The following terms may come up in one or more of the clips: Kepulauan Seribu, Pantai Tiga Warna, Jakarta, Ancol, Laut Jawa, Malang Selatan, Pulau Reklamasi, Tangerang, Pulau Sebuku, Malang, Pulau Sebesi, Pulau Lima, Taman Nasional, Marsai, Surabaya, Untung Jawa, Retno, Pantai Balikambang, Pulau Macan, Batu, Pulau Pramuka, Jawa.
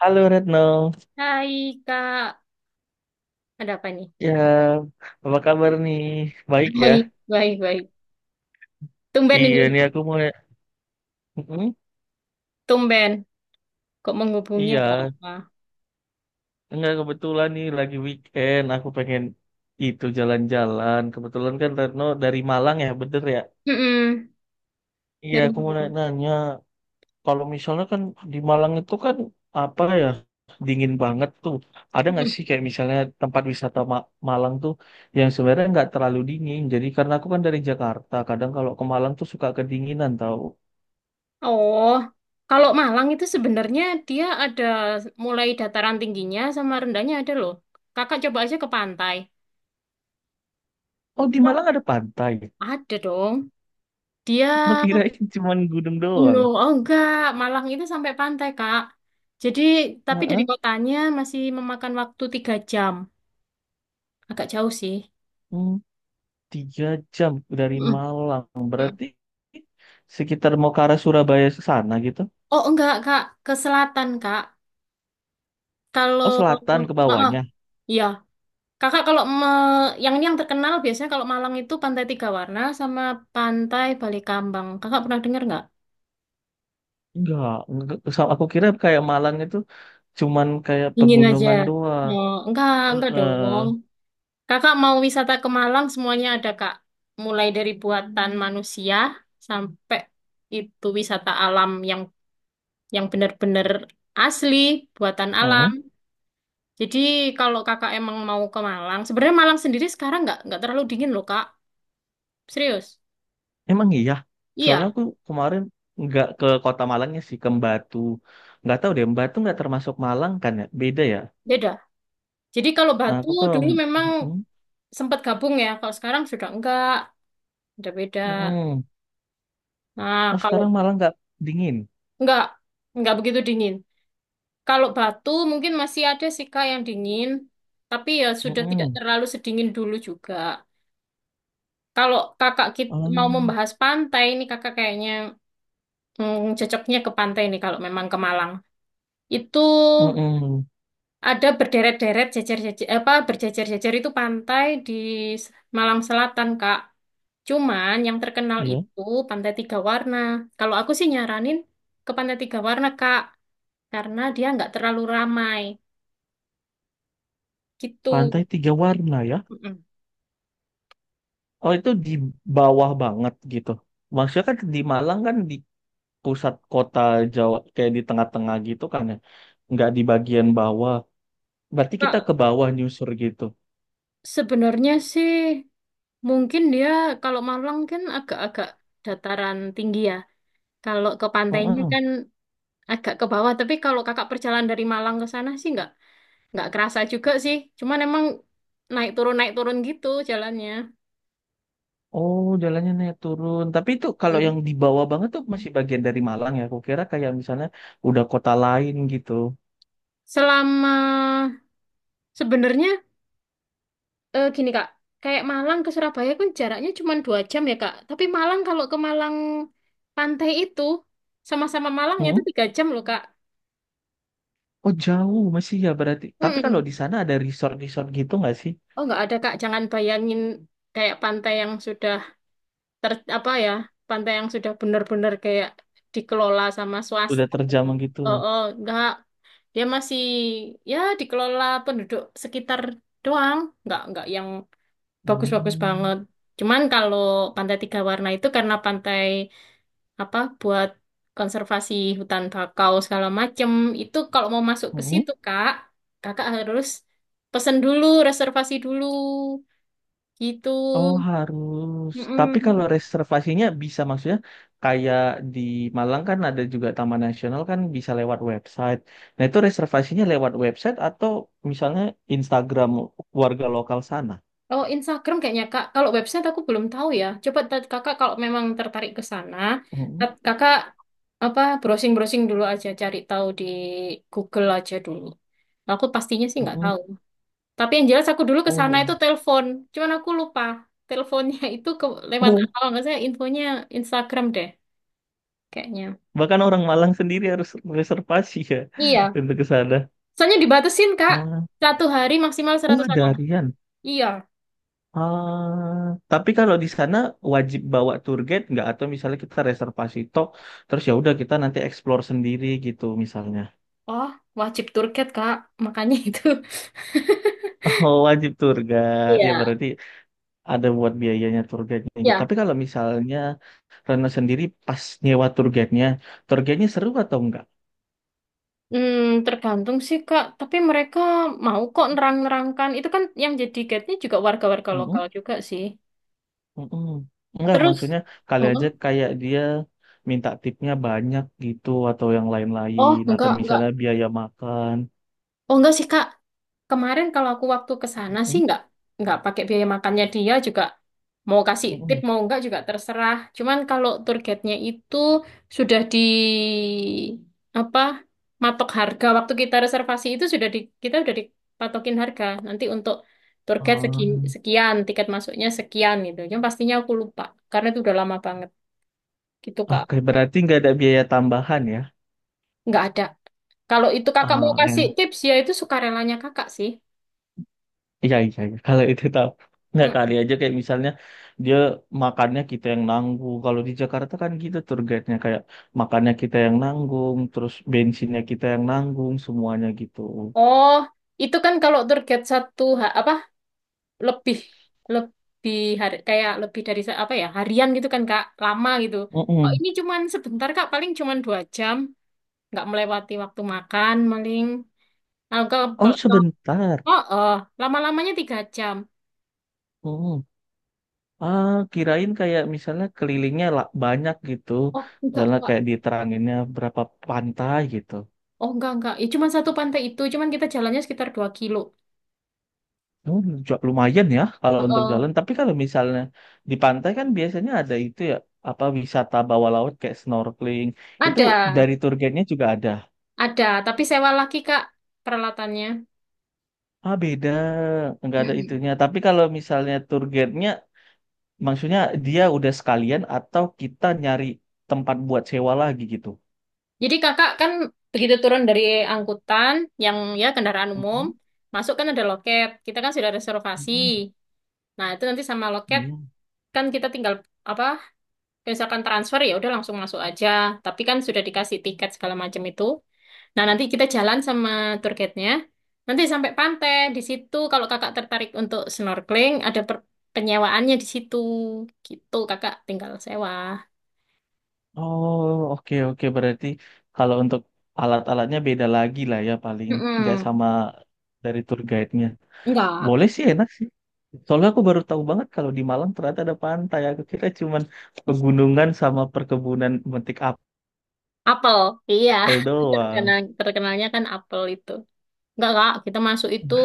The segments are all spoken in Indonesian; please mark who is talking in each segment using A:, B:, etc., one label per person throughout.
A: Halo Retno,
B: Hai Kak, ada apa nih?
A: ya apa kabar nih? Baik ya?
B: Baik, baik, baik. Tumben
A: Iya
B: ini,
A: nih aku mau. Mm-mm.
B: tumben. Kok menghubungi ada
A: Iya,
B: apa?
A: enggak kebetulan nih lagi weekend, aku pengen itu jalan-jalan. Kebetulan kan Retno dari Malang ya, bener ya?
B: Mm-mm.
A: Iya
B: Dari
A: aku mau
B: Malang.
A: nanya, kalau misalnya kan di Malang itu kan apa ya, dingin banget tuh. Ada nggak
B: Mm-mm.
A: sih kayak misalnya tempat wisata Malang tuh yang sebenarnya nggak terlalu dingin. Jadi karena aku kan dari Jakarta, kadang kalau ke Malang tuh suka kedinginan tau.
B: Oh, kalau Malang itu sebenarnya dia ada mulai dataran tingginya sama rendahnya ada loh. Kakak coba aja ke pantai.
A: Oh, di
B: Malang
A: Malang ada pantai.
B: ada dong. Dia
A: Oh, kirain cuman gunung doang.
B: gunung. Oh enggak, Malang itu sampai pantai, Kak. Jadi, tapi dari
A: Heeh.
B: kotanya masih memakan waktu 3 jam. Agak jauh sih.
A: Hmm, 3 jam dari
B: Mm-mm.
A: Malang. Berarti sekitar mau ke arah Surabaya ke sana gitu.
B: Oh enggak, Kak, ke selatan, Kak. Kalau
A: Oh, selatan ke
B: Heeh,
A: bawahnya.
B: iya. Kakak yang ini yang terkenal biasanya kalau Malang itu Pantai Tiga Warna sama Pantai Balikambang. Kakak pernah dengar nggak?
A: Enggak, enggak. Aku kira kayak Malang itu cuman kayak
B: Dingin aja.
A: pegunungan
B: No,
A: doang.
B: enggak
A: Heeh.
B: dong. Kakak mau wisata ke Malang semuanya ada, Kak. Mulai dari buatan manusia sampai itu wisata alam yang benar-benar asli buatan alam.
A: Heeh.
B: Jadi kalau kakak emang mau ke Malang, sebenarnya Malang sendiri sekarang nggak terlalu dingin loh, Kak, serius.
A: Emang iya. Soalnya
B: Iya,
A: aku kemarin nggak ke kota Malangnya sih, ke Batu. Nggak tahu deh, Batu nggak termasuk Malang kan ya? Beda ya.
B: beda. Jadi kalau Batu
A: Aku ke.
B: dulu memang
A: Mm,
B: sempat gabung ya, kalau sekarang sudah enggak, udah beda.
A: mm.
B: Nah
A: Oh,
B: kalau
A: sekarang malah nggak dingin.
B: enggak enggak begitu dingin. Kalau Batu mungkin masih ada sih, Kak, yang dingin, tapi ya sudah tidak
A: Mm-mm.
B: terlalu sedingin dulu juga. Kalau kakak mau
A: Oh,
B: membahas pantai, ini kakak kayaknya cocoknya ke pantai nih kalau memang ke Malang. Itu
A: mm-mm.
B: ada berderet-deret, jejer-jejer, apa berjejer-jejer itu pantai di S- Malang Selatan, Kak. Cuman yang terkenal
A: Iya.
B: itu Pantai Tiga Warna. Kalau aku sih nyaranin ke Pantai Tiga Warna, Kak, karena dia nggak terlalu ramai. Gitu.
A: Pantai tiga warna ya.
B: Mm-mm.
A: Oh, itu di bawah banget gitu. Maksudnya kan di Malang kan di pusat kota Jawa, kayak di tengah-tengah gitu kan ya. Nggak di bagian bawah. Berarti kita ke
B: Kak,
A: bawah nyusur gitu.
B: sebenarnya sih mungkin dia kalau Malang kan agak-agak dataran tinggi ya. Kalau ke pantainya
A: Mm.
B: kan agak ke bawah, tapi kalau kakak perjalanan dari Malang ke sana sih nggak kerasa juga sih. Cuman emang naik turun gitu jalannya.
A: Oh, jalannya naik turun. Tapi itu kalau
B: Hmm.
A: yang di bawah banget tuh masih bagian dari Malang ya. Aku kira kayak misalnya udah kota lain gitu.
B: Selama sebenarnya, eh, gini, Kak, kayak Malang ke Surabaya kan jaraknya cuma 2 jam ya, Kak. Tapi Malang kalau ke Malang pantai itu sama-sama Malangnya itu 3 jam loh, Kak.
A: Oh, jauh masih ya berarti. Tapi kalau
B: Mm-mm.
A: di sana ada resort-resort gitu nggak sih?
B: Oh nggak ada, Kak, jangan bayangin kayak pantai yang sudah apa ya, pantai yang sudah benar-benar kayak dikelola sama
A: Udah
B: swasta.
A: terjamah gitu.
B: Oh, oh, nggak. Dia masih ya dikelola penduduk sekitar doang, nggak yang bagus-bagus
A: Hmm.
B: banget. Cuman kalau Pantai Tiga Warna itu karena pantai apa buat konservasi hutan bakau segala macem, itu kalau mau masuk ke
A: Hmm.
B: situ, Kak, kakak harus pesen dulu, reservasi dulu, gitu.
A: Oh, harus. Tapi kalau
B: Mm-mm.
A: reservasinya bisa maksudnya kayak di Malang kan ada juga Taman Nasional kan bisa lewat website. Nah itu reservasinya lewat website atau misalnya Instagram warga lokal sana.
B: Oh, Instagram kayaknya, Kak. Kalau website aku belum tahu ya. Coba, Kakak kalau memang tertarik ke sana,
A: Hmm.
B: Kakak apa browsing-browsing dulu aja, cari tahu di Google aja dulu. Aku pastinya sih nggak
A: Hmm.
B: tahu. Tapi yang jelas aku dulu ke
A: Oh.
B: sana itu telepon. Cuman aku lupa teleponnya itu ke, lewat
A: Oh.
B: kalau nggak saya infonya Instagram deh kayaknya.
A: Bahkan orang Malang sendiri harus reservasi ya
B: Iya.
A: untuk ke sana.
B: Soalnya dibatasin, Kak.
A: Ah.
B: Satu hari maksimal
A: Oh,
B: 100
A: ada
B: orang.
A: harian.
B: Iya.
A: Ah, tapi kalau di sana wajib bawa tour guide nggak atau misalnya kita reservasi tok terus ya udah kita nanti explore sendiri gitu misalnya.
B: Oh, wajib target, Kak. Makanya itu.
A: Oh, wajib tour guide. Ya
B: Iya.
A: berarti ada buat biayanya tour guide-nya gitu.
B: Iya.
A: Tapi kalau misalnya Rena sendiri pas nyewa tour guide-nya seru atau enggak?
B: Hmm, Tergantung sih, Kak, tapi mereka mau kok nerang-nerangkan. Itu kan yang jadi guide-nya juga warga-warga lokal
A: Mm-mm,
B: juga sih.
A: mm-mm. Enggak,
B: Terus,
A: maksudnya kali aja
B: oh,
A: kayak dia minta tipnya banyak gitu atau yang
B: oh
A: lain-lain atau
B: enggak, enggak.
A: misalnya biaya makan.
B: Oh enggak sih, Kak. Kemarin kalau aku waktu ke sana sih
A: Mm-mm,
B: nggak pakai biaya makannya, dia juga mau kasih tip
A: mm-mm.
B: mau nggak juga terserah. Cuman kalau tour guide-nya itu sudah di apa, matok harga waktu kita reservasi, itu sudah di, kita sudah dipatokin harga. Nanti untuk tour guide
A: Ah.
B: sekian, tiket masuknya sekian, gitu. Yang pastinya aku lupa karena itu udah lama banget gitu, Kak.
A: Oke, berarti nggak ada biaya tambahan ya?
B: Nggak ada. Kalau itu kakak mau
A: Ah,
B: kasih
A: eh,
B: tips ya itu sukarelanya kakak sih.
A: iya, iya, iya. Kalau itu tahu. Nggak kali aja kayak misalnya dia makannya kita yang nanggung. Kalau di Jakarta kan gitu tour guide-nya kayak makannya kita yang nanggung, terus bensinnya kita yang nanggung, semuanya gitu.
B: Oh, itu kan kalau target satu apa, lebih lebih hari, kayak lebih dari apa ya, harian gitu kan, Kak, lama gitu. Oh
A: Mm-mm.
B: ini cuman sebentar, Kak, paling cuman 2 jam, nggak melewati waktu makan, paling. Nah,
A: Oh, sebentar.
B: oh, oh, lama-lamanya 3 jam.
A: Mm. Ah, kirain kayak misalnya kelilingnya lah banyak gitu.
B: Oh enggak,
A: Misalnya
B: Kak,
A: kayak diteranginnya berapa pantai gitu.
B: oh enggak, enggak. Ya cuman satu pantai itu, cuman kita jalannya sekitar 2 kilo.
A: Oh, lumayan ya kalau
B: Oh,
A: untuk
B: oh.
A: jalan. Tapi kalau misalnya di pantai kan biasanya ada itu ya, apa wisata bawah laut kayak snorkeling. Itu
B: Ada,
A: dari tour guide-nya juga ada.
B: ada, tapi sewa lagi, Kak, peralatannya.
A: Ah, beda. Nggak ada
B: Mm-mm.
A: itunya. Tapi kalau misalnya tour guide-nya, maksudnya dia udah sekalian atau kita nyari tempat buat sewa lagi gitu.
B: Jadi kakak kan begitu turun dari angkutan, yang ya kendaraan umum,
A: Mhm,
B: masuk kan ada loket. Kita kan sudah reservasi.
A: mhm,
B: Nah, itu nanti sama loket
A: mhm.
B: kan kita tinggal apa? Misalkan transfer ya udah langsung masuk aja. Tapi kan sudah dikasih tiket segala macam itu. Nah, nanti kita jalan sama tour guide-nya. Nanti sampai pantai di situ kalau kakak tertarik untuk snorkeling ada penyewaannya di situ. Gitu kakak tinggal sewa.
A: Oh, oke oke berarti kalau untuk alat-alatnya beda lagi lah ya paling nggak
B: Mm-mm.
A: sama dari tour guide-nya.
B: Enggak.
A: Boleh sih, enak sih. Soalnya aku baru tahu banget kalau di Malang ternyata ada pantai. Aku kira cuman pegunungan sama perkebunan metik
B: Apel, iya.
A: apel
B: Terkenal,
A: doang.
B: terkenalnya kan apel itu. Enggak, Kak, kita masuk itu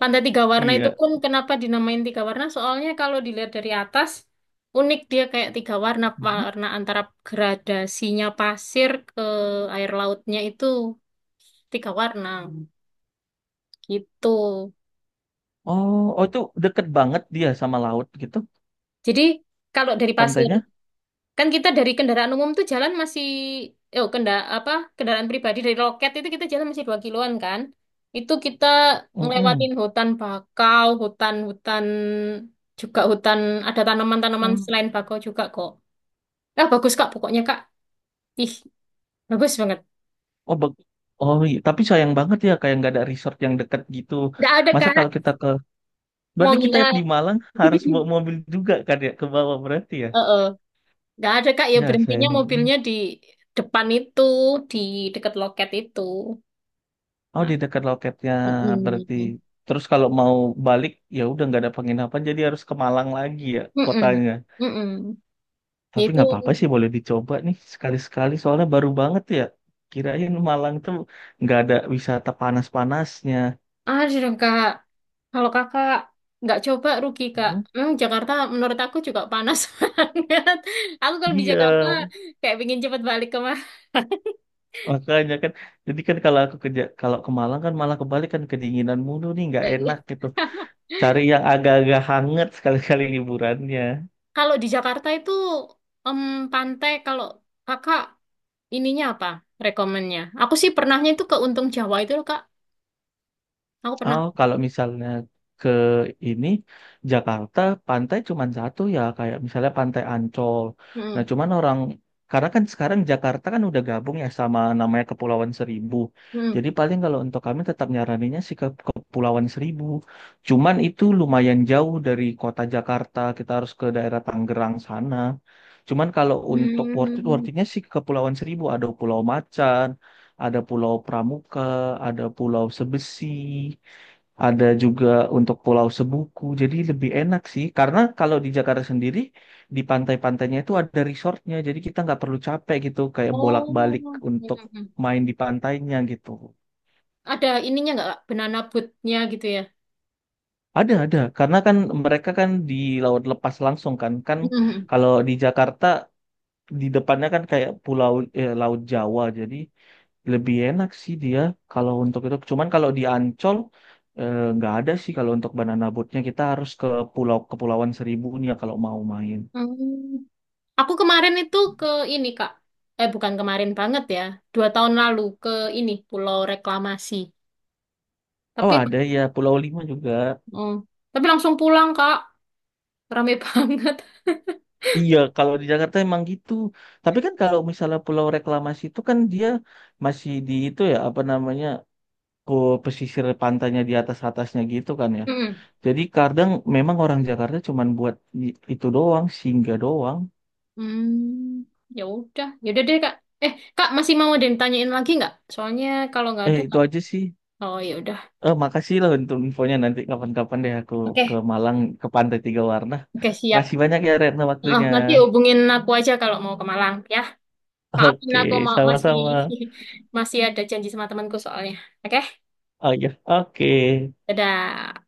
B: pantai tiga warna itu
A: Iya.
B: pun kenapa dinamain tiga warna? Soalnya kalau dilihat dari atas, unik dia kayak tiga warna, warna antara gradasinya pasir ke air lautnya itu tiga warna. Gitu.
A: Oh, oh, itu deket banget dia sama laut gitu
B: Jadi kalau dari pasir,
A: pantainya.
B: kan kita dari kendaraan umum tuh jalan masih, oh kendaraan pribadi dari loket itu kita jalan masih 2 kiloan, kan. Itu kita
A: Mm-mm.
B: ngelewatin hutan bakau, hutan-hutan juga hutan, ada tanaman-tanaman
A: Oh,
B: selain bakau juga kok. Ah bagus, Kak, pokoknya, Kak. Ih, bagus banget.
A: oh, oh iya. Tapi sayang banget ya kayak nggak ada resort yang deket gitu.
B: Nggak ada,
A: Masa
B: Kak,
A: kalau kita ke,
B: mau
A: berarti kita
B: nginap.
A: di Malang harus bawa mobil juga kan ya ke bawah berarti ya?
B: Heeh. Nggak ada, Kak, ya
A: Ya
B: berhentinya
A: sayang.
B: mobilnya di depan itu, di dekat loket itu.
A: Oh,
B: Nah,
A: di dekat loketnya berarti.
B: mm-mm.
A: Terus kalau mau balik ya udah nggak ada penginapan jadi harus ke Malang lagi ya
B: Mm-mm.
A: kotanya.
B: Mm-mm.
A: Tapi
B: Yaitu
A: nggak apa-apa sih boleh dicoba nih sekali-sekali soalnya baru banget ya. Kirain Malang tuh nggak ada wisata panas-panasnya.
B: Aduh dong, Kak, kalau kakak nggak coba rugi, Kak.
A: Hmm.
B: Memang Jakarta menurut aku juga panas banget. Aku kalau di
A: Iya,
B: Jakarta kayak pingin cepet balik ke Marsai.
A: makanya kan. Jadi kan kalau aku kerja kalau ke Malang kan malah kebalik kan kedinginan mulu nih nggak enak gitu. Cari yang agak-agak hangat sekali-kali liburannya.
B: Kalau di Jakarta itu em, pantai, kalau kakak ininya apa rekomennya? Aku sih pernahnya itu ke Untung Jawa itu loh, Kak. Aku pernah.
A: Oh, kalau misalnya ke ini Jakarta pantai cuman satu ya kayak misalnya Pantai Ancol. Nah,
B: Mm-mm.
A: cuman orang karena kan sekarang Jakarta kan udah gabung ya sama namanya Kepulauan Seribu.
B: Mm.
A: Jadi paling kalau untuk kami tetap nyaraninnya sih ke Kepulauan Seribu. Cuman itu lumayan jauh dari kota Jakarta. Kita harus ke daerah Tangerang sana. Cuman kalau untuk worth it, worth
B: Mm.
A: it-nya sih ke Kepulauan Seribu. Ada Pulau Macan, ada Pulau Pramuka, ada Pulau Sebesi, ada juga untuk Pulau Sebuku. Jadi lebih enak sih, karena kalau di Jakarta sendiri di pantai-pantainya itu ada resortnya, jadi kita nggak perlu capek gitu, kayak bolak-balik
B: Oh.
A: untuk
B: Mm-mm.
A: main di pantainya gitu.
B: Ada ininya nggak, Kak? Banana boatnya gitu ya?
A: Ada, karena kan mereka kan di laut lepas langsung kan, kan
B: Mm.
A: kalau di Jakarta di depannya kan kayak pulau, eh, laut Jawa, jadi lebih enak sih dia kalau untuk itu. Cuman kalau di Ancol, eh, nggak ada sih kalau untuk banana boatnya kita harus ke pulau Kepulauan Seribu nih ya kalau mau main.
B: Aku kemarin itu ke ini, Kak. Eh, bukan kemarin banget ya. 2 tahun lalu ke ini, Pulau Reklamasi.
A: Oh,
B: Tapi,
A: ada ya Pulau Lima juga.
B: oh, tapi langsung pulang, Kak. Rame banget.
A: Iya kalau di Jakarta emang gitu. Tapi kan kalau misalnya Pulau Reklamasi itu kan dia masih di itu ya apa namanya ke pesisir pantainya di atas atasnya gitu kan ya.
B: Mm.
A: Jadi kadang memang orang Jakarta cuman buat itu doang, singgah doang.
B: Hmm, Ya udah, ya udah deh, Kak. Eh, Kak masih mau ada yang ditanyain lagi nggak? Soalnya kalau nggak
A: Eh,
B: ada,
A: itu
B: Kak.
A: aja sih.
B: Oh, ya udah.
A: Eh, makasih loh untuk infonya, nanti kapan-kapan deh aku ke
B: Oke,
A: Malang ke Pantai Tiga Warna.
B: oke, siap.
A: Makasih banyak ya Retno
B: Ah,
A: waktunya.
B: nanti hubungin aku aja kalau mau ke Malang, ya. Maafin
A: Oke,
B: aku masih
A: sama-sama.
B: masih ada janji sama temanku soalnya. Oke,
A: Oh ya, oke.
B: dadah.